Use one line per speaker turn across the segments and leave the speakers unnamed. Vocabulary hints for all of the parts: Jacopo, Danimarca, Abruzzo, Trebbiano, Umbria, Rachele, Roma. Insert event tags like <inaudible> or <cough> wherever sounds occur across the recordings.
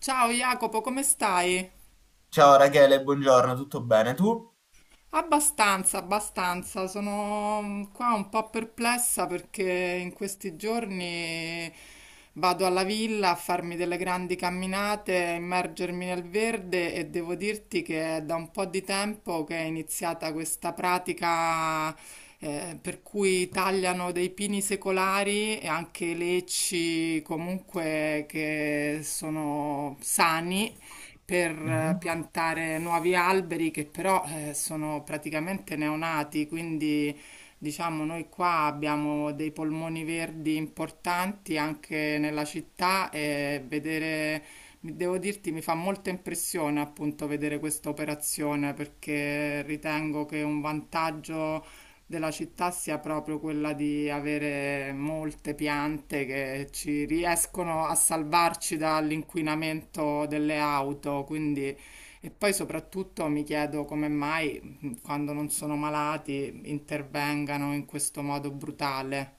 Ciao Jacopo, come stai?
Ciao Rachele, buongiorno, tutto bene tu?
Abbastanza, abbastanza. Sono qua un po' perplessa perché in questi giorni vado alla villa a farmi delle grandi camminate, a immergermi nel verde e devo dirti che è da un po' di tempo che è iniziata questa pratica, per cui tagliano dei pini secolari e anche lecci comunque che sono sani per,
Mhm.
piantare nuovi alberi che però sono praticamente neonati. Quindi diciamo, noi qua abbiamo dei polmoni verdi importanti anche nella città e vedere, devo dirti, mi fa molta impressione appunto vedere questa operazione, perché ritengo che un vantaggio della città sia proprio quella di avere molte piante che ci riescono a salvarci dall'inquinamento delle auto. Quindi e poi soprattutto mi chiedo come mai, quando non sono malati, intervengano in questo modo brutale.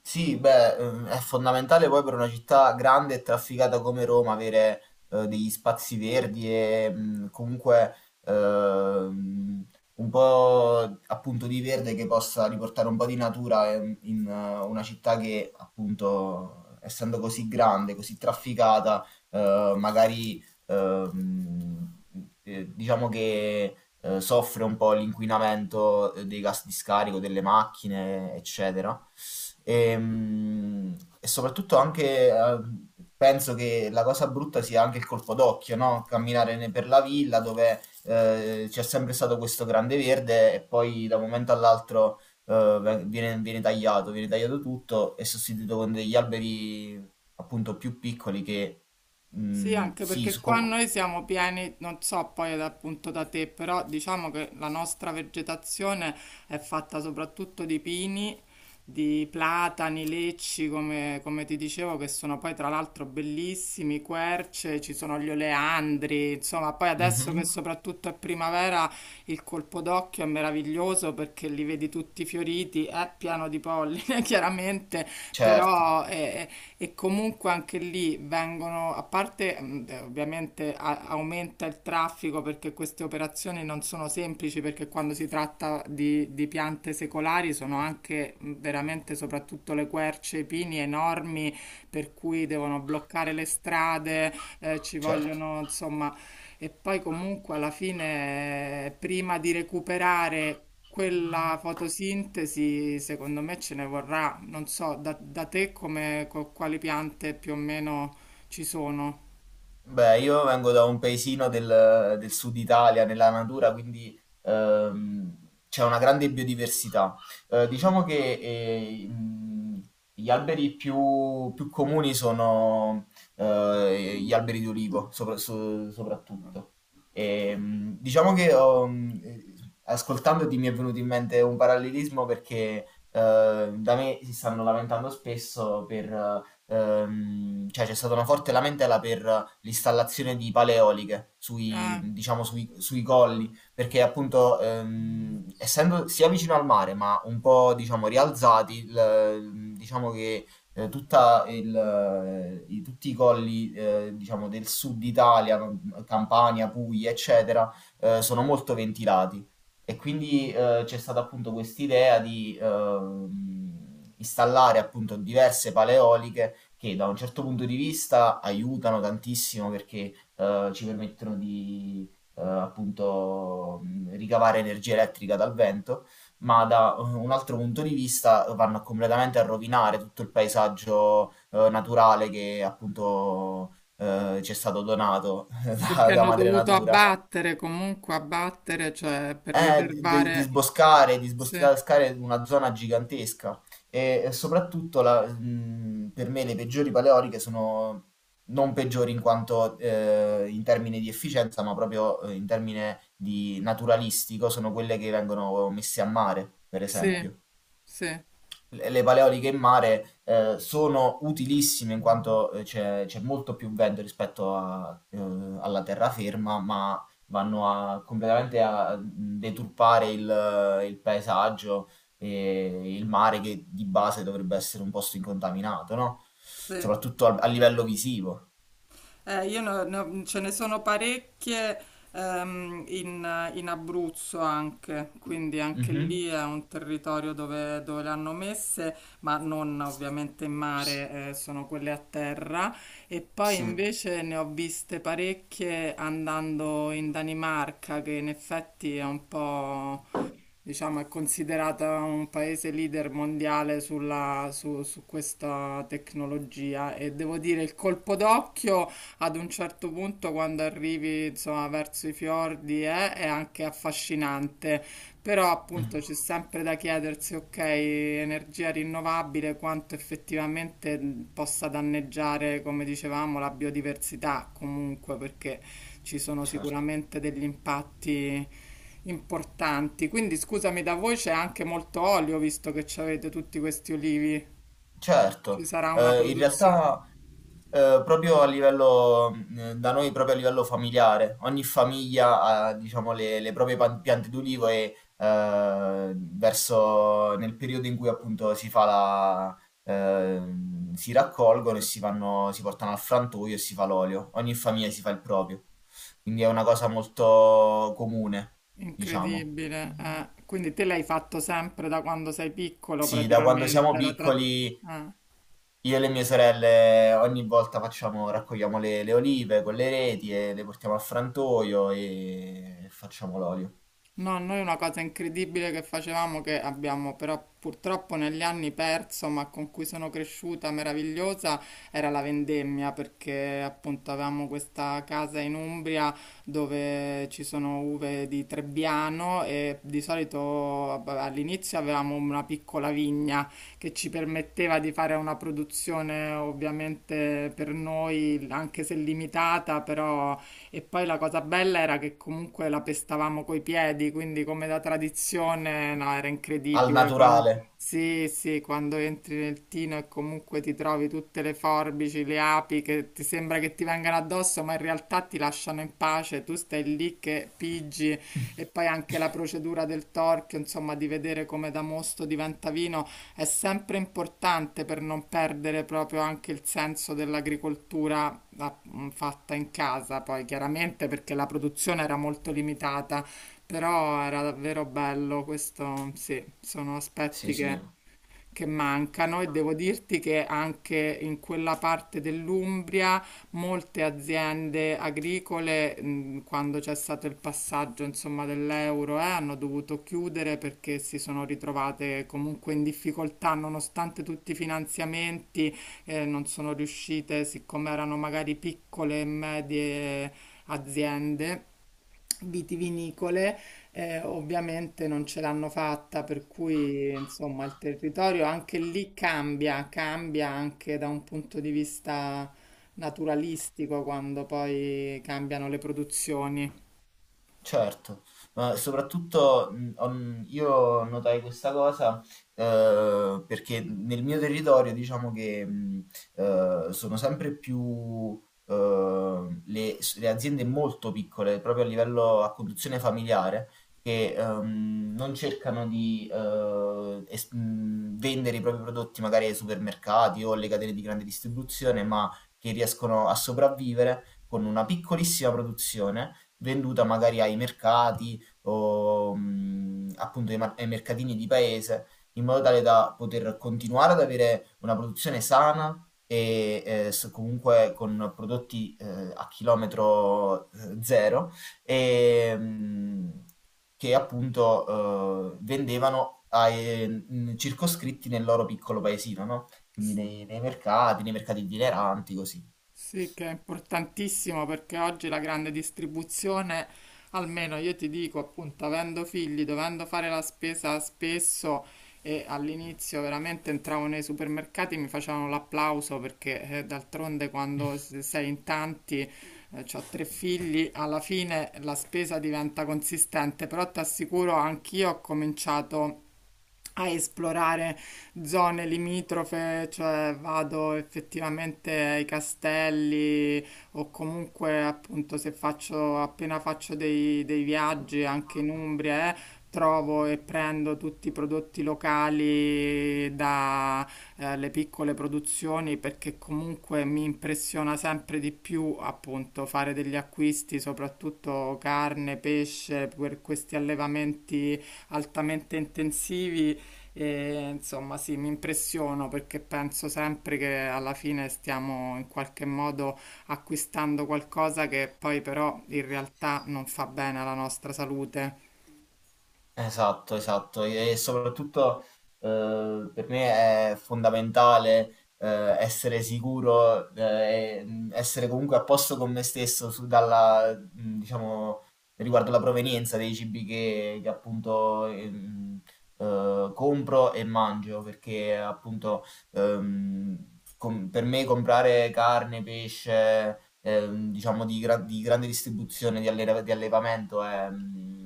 Sì, beh, è fondamentale poi per una città grande e trafficata come Roma avere degli spazi verdi e comunque ehm, un po' appunto di verde che possa riportare un po' di natura in una città che appunto essendo così grande, così trafficata, magari diciamo che soffre un po' l'inquinamento dei gas di scarico, delle macchine, eccetera. Ehm, E, soprattutto anche penso che la cosa brutta sia anche il colpo d'occhio, no? Camminare per la villa dove c'è sempre stato questo grande verde e poi da un momento all'altro viene tagliato tutto e sostituito con degli alberi appunto più piccoli che
Sì, anche
sì,
perché qua noi siamo pieni, non so poi appunto da te, però diciamo che la nostra vegetazione è fatta soprattutto di pini, di platani, lecci, come, come ti dicevo, che sono poi tra l'altro bellissimi, querce, ci sono gli oleandri, insomma, poi adesso che
Mhm,
soprattutto è primavera il colpo d'occhio è meraviglioso perché li vedi tutti fioriti, è pieno di polline <laughs> chiaramente,
certo,
però... e comunque anche lì vengono, a parte ovviamente aumenta il traffico, perché queste operazioni non sono semplici, perché quando si tratta di piante secolari sono anche, veramente soprattutto le querce, i pini enormi, per cui devono bloccare le strade, ci
certo.
vogliono insomma. E poi comunque alla fine, prima di recuperare quella fotosintesi, secondo me ce ne vorrà. Non so, da, da te come, quali piante più o meno ci sono.
Beh, io vengo da un paesino del sud Italia, nella natura, quindi c'è una grande biodiversità. Diciamo che eh, mh, gli alberi più comuni sono gli alberi di olivo, soprattutto. E, diciamo che ascoltandoti mi è venuto in mente un parallelismo perché da me si stanno lamentando spesso per cioè c'è stata una forte lamentela per l'installazione di paleoliche
Eh,
diciamo, sui colli, perché appunto essendo sia vicino al mare ma un po' diciamo rialzati, diciamo che tutti i colli diciamo, del sud Italia, no, Campania, Puglia, eccetera, sono molto ventilati. E quindi c'è stata appunto quest'idea di installare appunto diverse paleoliche che da un certo punto di vista aiutano tantissimo perché ci permettono di appunto ricavare energia elettrica dal vento, ma da un altro punto di vista vanno completamente a rovinare tutto il paesaggio naturale che appunto ci è stato donato <laughs>
perché
da
hanno
madre
dovuto
natura
abbattere, comunque abbattere, cioè per riservare...
di
Sì,
sboscare una zona gigantesca e soprattutto per me le peggiori paleoliche sono non peggiori in quanto in termini di efficienza, ma proprio in termini di naturalistico, sono quelle che vengono messe a mare, per
sì,
esempio
sì,
le paleoliche in mare sono utilissime in quanto c'è molto più vento rispetto alla terraferma, ma vanno completamente a deturpare il paesaggio e il mare che di base dovrebbe essere un posto incontaminato, no?
sì.
Soprattutto a livello visivo.
Io ce ne sono parecchie, in, in Abruzzo anche, quindi anche
Mhm.
lì è un territorio dove, dove le hanno messe, ma non ovviamente in mare, sono quelle a terra. E poi
Sì.
invece ne ho viste parecchie andando in Danimarca, che in effetti è un po' diciamo, è considerata un paese leader mondiale su, su questa tecnologia, e devo dire il colpo d'occhio ad un certo punto quando arrivi, insomma, verso i fiordi, è anche affascinante, però
Mm,
appunto c'è sempre da chiedersi, ok, energia rinnovabile, quanto effettivamente, possa danneggiare, come dicevamo, la biodiversità comunque, perché ci sono
certo.
sicuramente degli impatti importanti. Quindi scusami, da voi c'è anche molto olio, visto che ci avete tutti questi olivi. Ci
Certo,
sarà una
in
produzione
realtà, proprio a livello da noi proprio a livello familiare, ogni famiglia ha diciamo le proprie pan piante d'ulivo e, verso nel periodo in cui appunto si fa la si raccolgono e si portano al frantoio e si fa l'olio. Ogni famiglia si fa il proprio. Quindi è una cosa molto comune, diciamo.
incredibile. Eh. Quindi te l'hai fatto sempre da quando sei piccolo,
Sì, da quando siamo
praticamente, la
piccoli,
eh.
io e le mie sorelle ogni volta facciamo, raccogliamo le olive con le reti e le portiamo al frantoio e facciamo l'olio.
No, noi una cosa incredibile che facevamo, che abbiamo però purtroppo negli anni perso, ma con cui sono cresciuta meravigliosa, era la vendemmia, perché appunto avevamo questa casa in Umbria dove ci sono uve di Trebbiano, e di solito vabbè, all'inizio avevamo una piccola vigna che ci permetteva di fare una produzione ovviamente per noi, anche se limitata, però. E poi la cosa bella era che comunque la pestavamo coi piedi, quindi come da tradizione, no, era
Al
incredibile.
naturale.
Sì, sì, quando entri nel tino e comunque ti trovi tutte le forbici, le api che ti sembra che ti vengano addosso, ma in realtà ti lasciano in pace, tu stai lì che piggi, e poi anche la procedura del torchio, insomma, di vedere come da mosto diventa vino è sempre importante per non perdere proprio anche il senso dell'agricoltura a, fatta in casa poi chiaramente perché la produzione era molto limitata, però era davvero bello, questo sì, sono
Sì,
aspetti che
sì.
che mancano, e devo dirti che anche in quella parte dell'Umbria molte aziende agricole, quando c'è stato il passaggio, insomma, dell'euro, hanno dovuto chiudere perché si sono ritrovate comunque in difficoltà, nonostante tutti i finanziamenti, non sono riuscite, siccome erano magari piccole e medie aziende vitivinicole, ovviamente non ce l'hanno fatta, per cui insomma il territorio anche lì cambia, cambia anche da un punto di vista naturalistico quando poi cambiano le produzioni.
Certo, ma soprattutto io notai questa cosa perché nel mio territorio diciamo che sono sempre più le aziende molto piccole, proprio a livello a conduzione familiare, che non cercano di vendere i propri prodotti magari ai supermercati o alle catene di grande distribuzione, ma che riescono a sopravvivere con una piccolissima produzione venduta magari ai mercati o appunto ai mercatini di paese, in modo tale da poter continuare ad avere una produzione sana e comunque con prodotti a chilometro zero e, mh, che appunto vendevano circoscritti nel loro piccolo paesino, no? Quindi nei mercati itineranti, così.
Sì, che è importantissimo perché oggi la grande distribuzione, almeno io ti dico, appunto, avendo figli, dovendo fare la spesa spesso, e all'inizio veramente entravo nei supermercati, mi facevano l'applauso perché d'altronde quando sei in tanti, ho tre figli, alla fine la spesa diventa consistente, però ti assicuro, anch'io ho cominciato a esplorare zone limitrofe, cioè vado effettivamente ai castelli, o comunque appunto se faccio appena faccio dei, dei viaggi anche in Umbria, trovo e prendo tutti i prodotti locali da, le piccole produzioni, perché comunque mi impressiona sempre di più appunto fare degli acquisti, soprattutto carne, pesce, per questi allevamenti altamente intensivi, e insomma, sì, mi impressiono perché penso sempre che alla fine stiamo in qualche modo acquistando qualcosa che poi però in realtà non fa bene alla nostra salute.
Esatto, esatto. E soprattutto per me è fondamentale essere sicuro, essere comunque a posto con me stesso diciamo, riguardo la provenienza dei cibi che appunto compro e mangio, perché appunto ehm, per me comprare carne, pesce, diciamo di grande distribuzione, di allevamento è,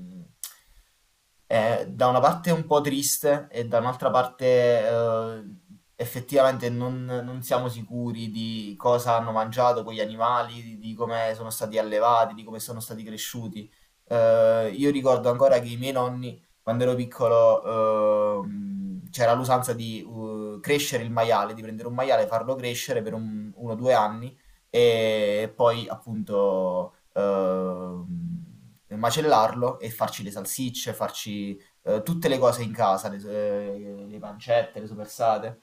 è da una parte un po' triste e da un'altra parte eh, effettivamente non siamo sicuri di cosa hanno mangiato quegli animali, di come sono stati allevati, di come sono stati cresciuti. Io ricordo ancora che i miei nonni quando ero piccolo, c'era l'usanza di crescere il maiale, di prendere un maiale, farlo crescere per un 1, 2 anni e poi appunto, macellarlo e farci le salsicce, farci, tutte le cose in casa, le pancette, le soppressate.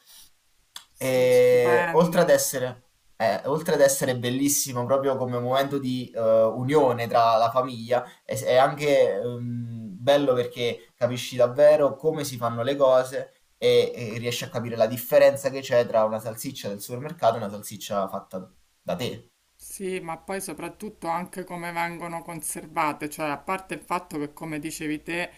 Sì,
E oltre ad
stupendo.
essere, bellissimo proprio come momento di unione tra la famiglia, è anche bello perché capisci davvero come si fanno le cose e riesci a capire la differenza che c'è tra una salsiccia del supermercato e una salsiccia fatta da te,
Sì, ma poi soprattutto anche come vengono conservate, cioè a parte il fatto che, come dicevi te,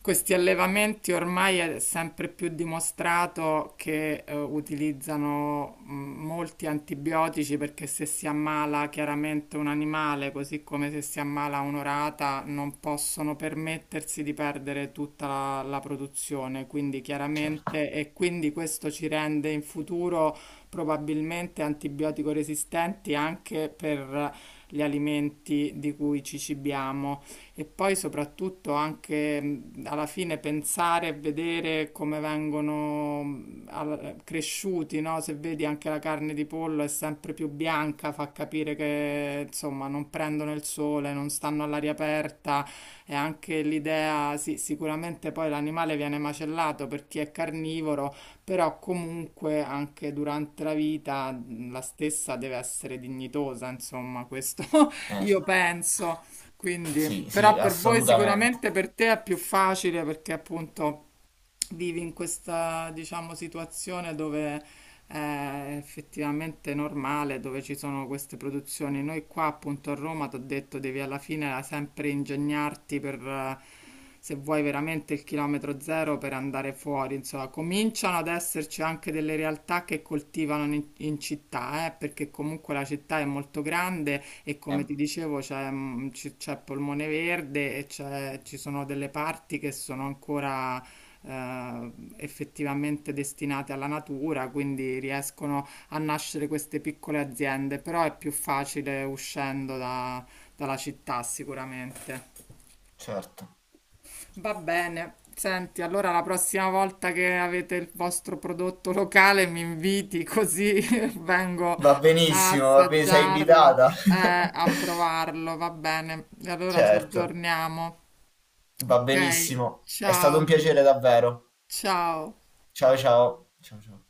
questi allevamenti ormai è sempre più dimostrato che utilizzano, molti antibiotici, perché se si ammala chiaramente un animale, così come se si ammala un'orata, non possono permettersi di perdere tutta la produzione, quindi
certo.
chiaramente, e quindi questo ci rende in futuro probabilmente antibiotico resistenti anche per gli alimenti di cui ci cibiamo, e poi soprattutto anche, alla fine pensare e vedere come vengono, cresciuti, no? Se vedi anche la carne di pollo è sempre più bianca, fa capire che insomma non prendono il sole, non stanno all'aria aperta, e anche l'idea, sì, sicuramente poi l'animale viene macellato per chi è carnivoro, però comunque anche durante la vita, la stessa deve essere dignitosa, insomma, questo <laughs> io
Esatto.
penso. Quindi,
Sì, sì,
però per voi
assolutamente.
sicuramente, per te è più facile perché appunto vivi in questa, diciamo, situazione dove è effettivamente normale, dove ci sono queste produzioni. Noi qua appunto a Roma, ti ho detto, devi alla fine sempre ingegnarti per, se vuoi veramente il chilometro zero per andare fuori, insomma, cominciano ad esserci anche delle realtà che coltivano in, in città, perché comunque la città è molto grande, e
Eh,
come ti dicevo c'è, c'è Polmone Verde e ci sono delle parti che sono ancora, eh, effettivamente destinate alla natura, quindi riescono a nascere queste piccole aziende, però è più facile uscendo dalla città sicuramente.
certo.
Va bene. Senti, allora la prossima volta che avete il vostro prodotto locale mi inviti così <laughs> vengo
Va
a
benissimo, va bene, sei
assaggiarlo,
invitata. <laughs>
a provarlo, va bene. E allora ci
Certo.
aggiorniamo.
Va
Ok,
benissimo, è stato un
ciao,
piacere davvero.
ciao.
Ciao ciao. Ciao ciao.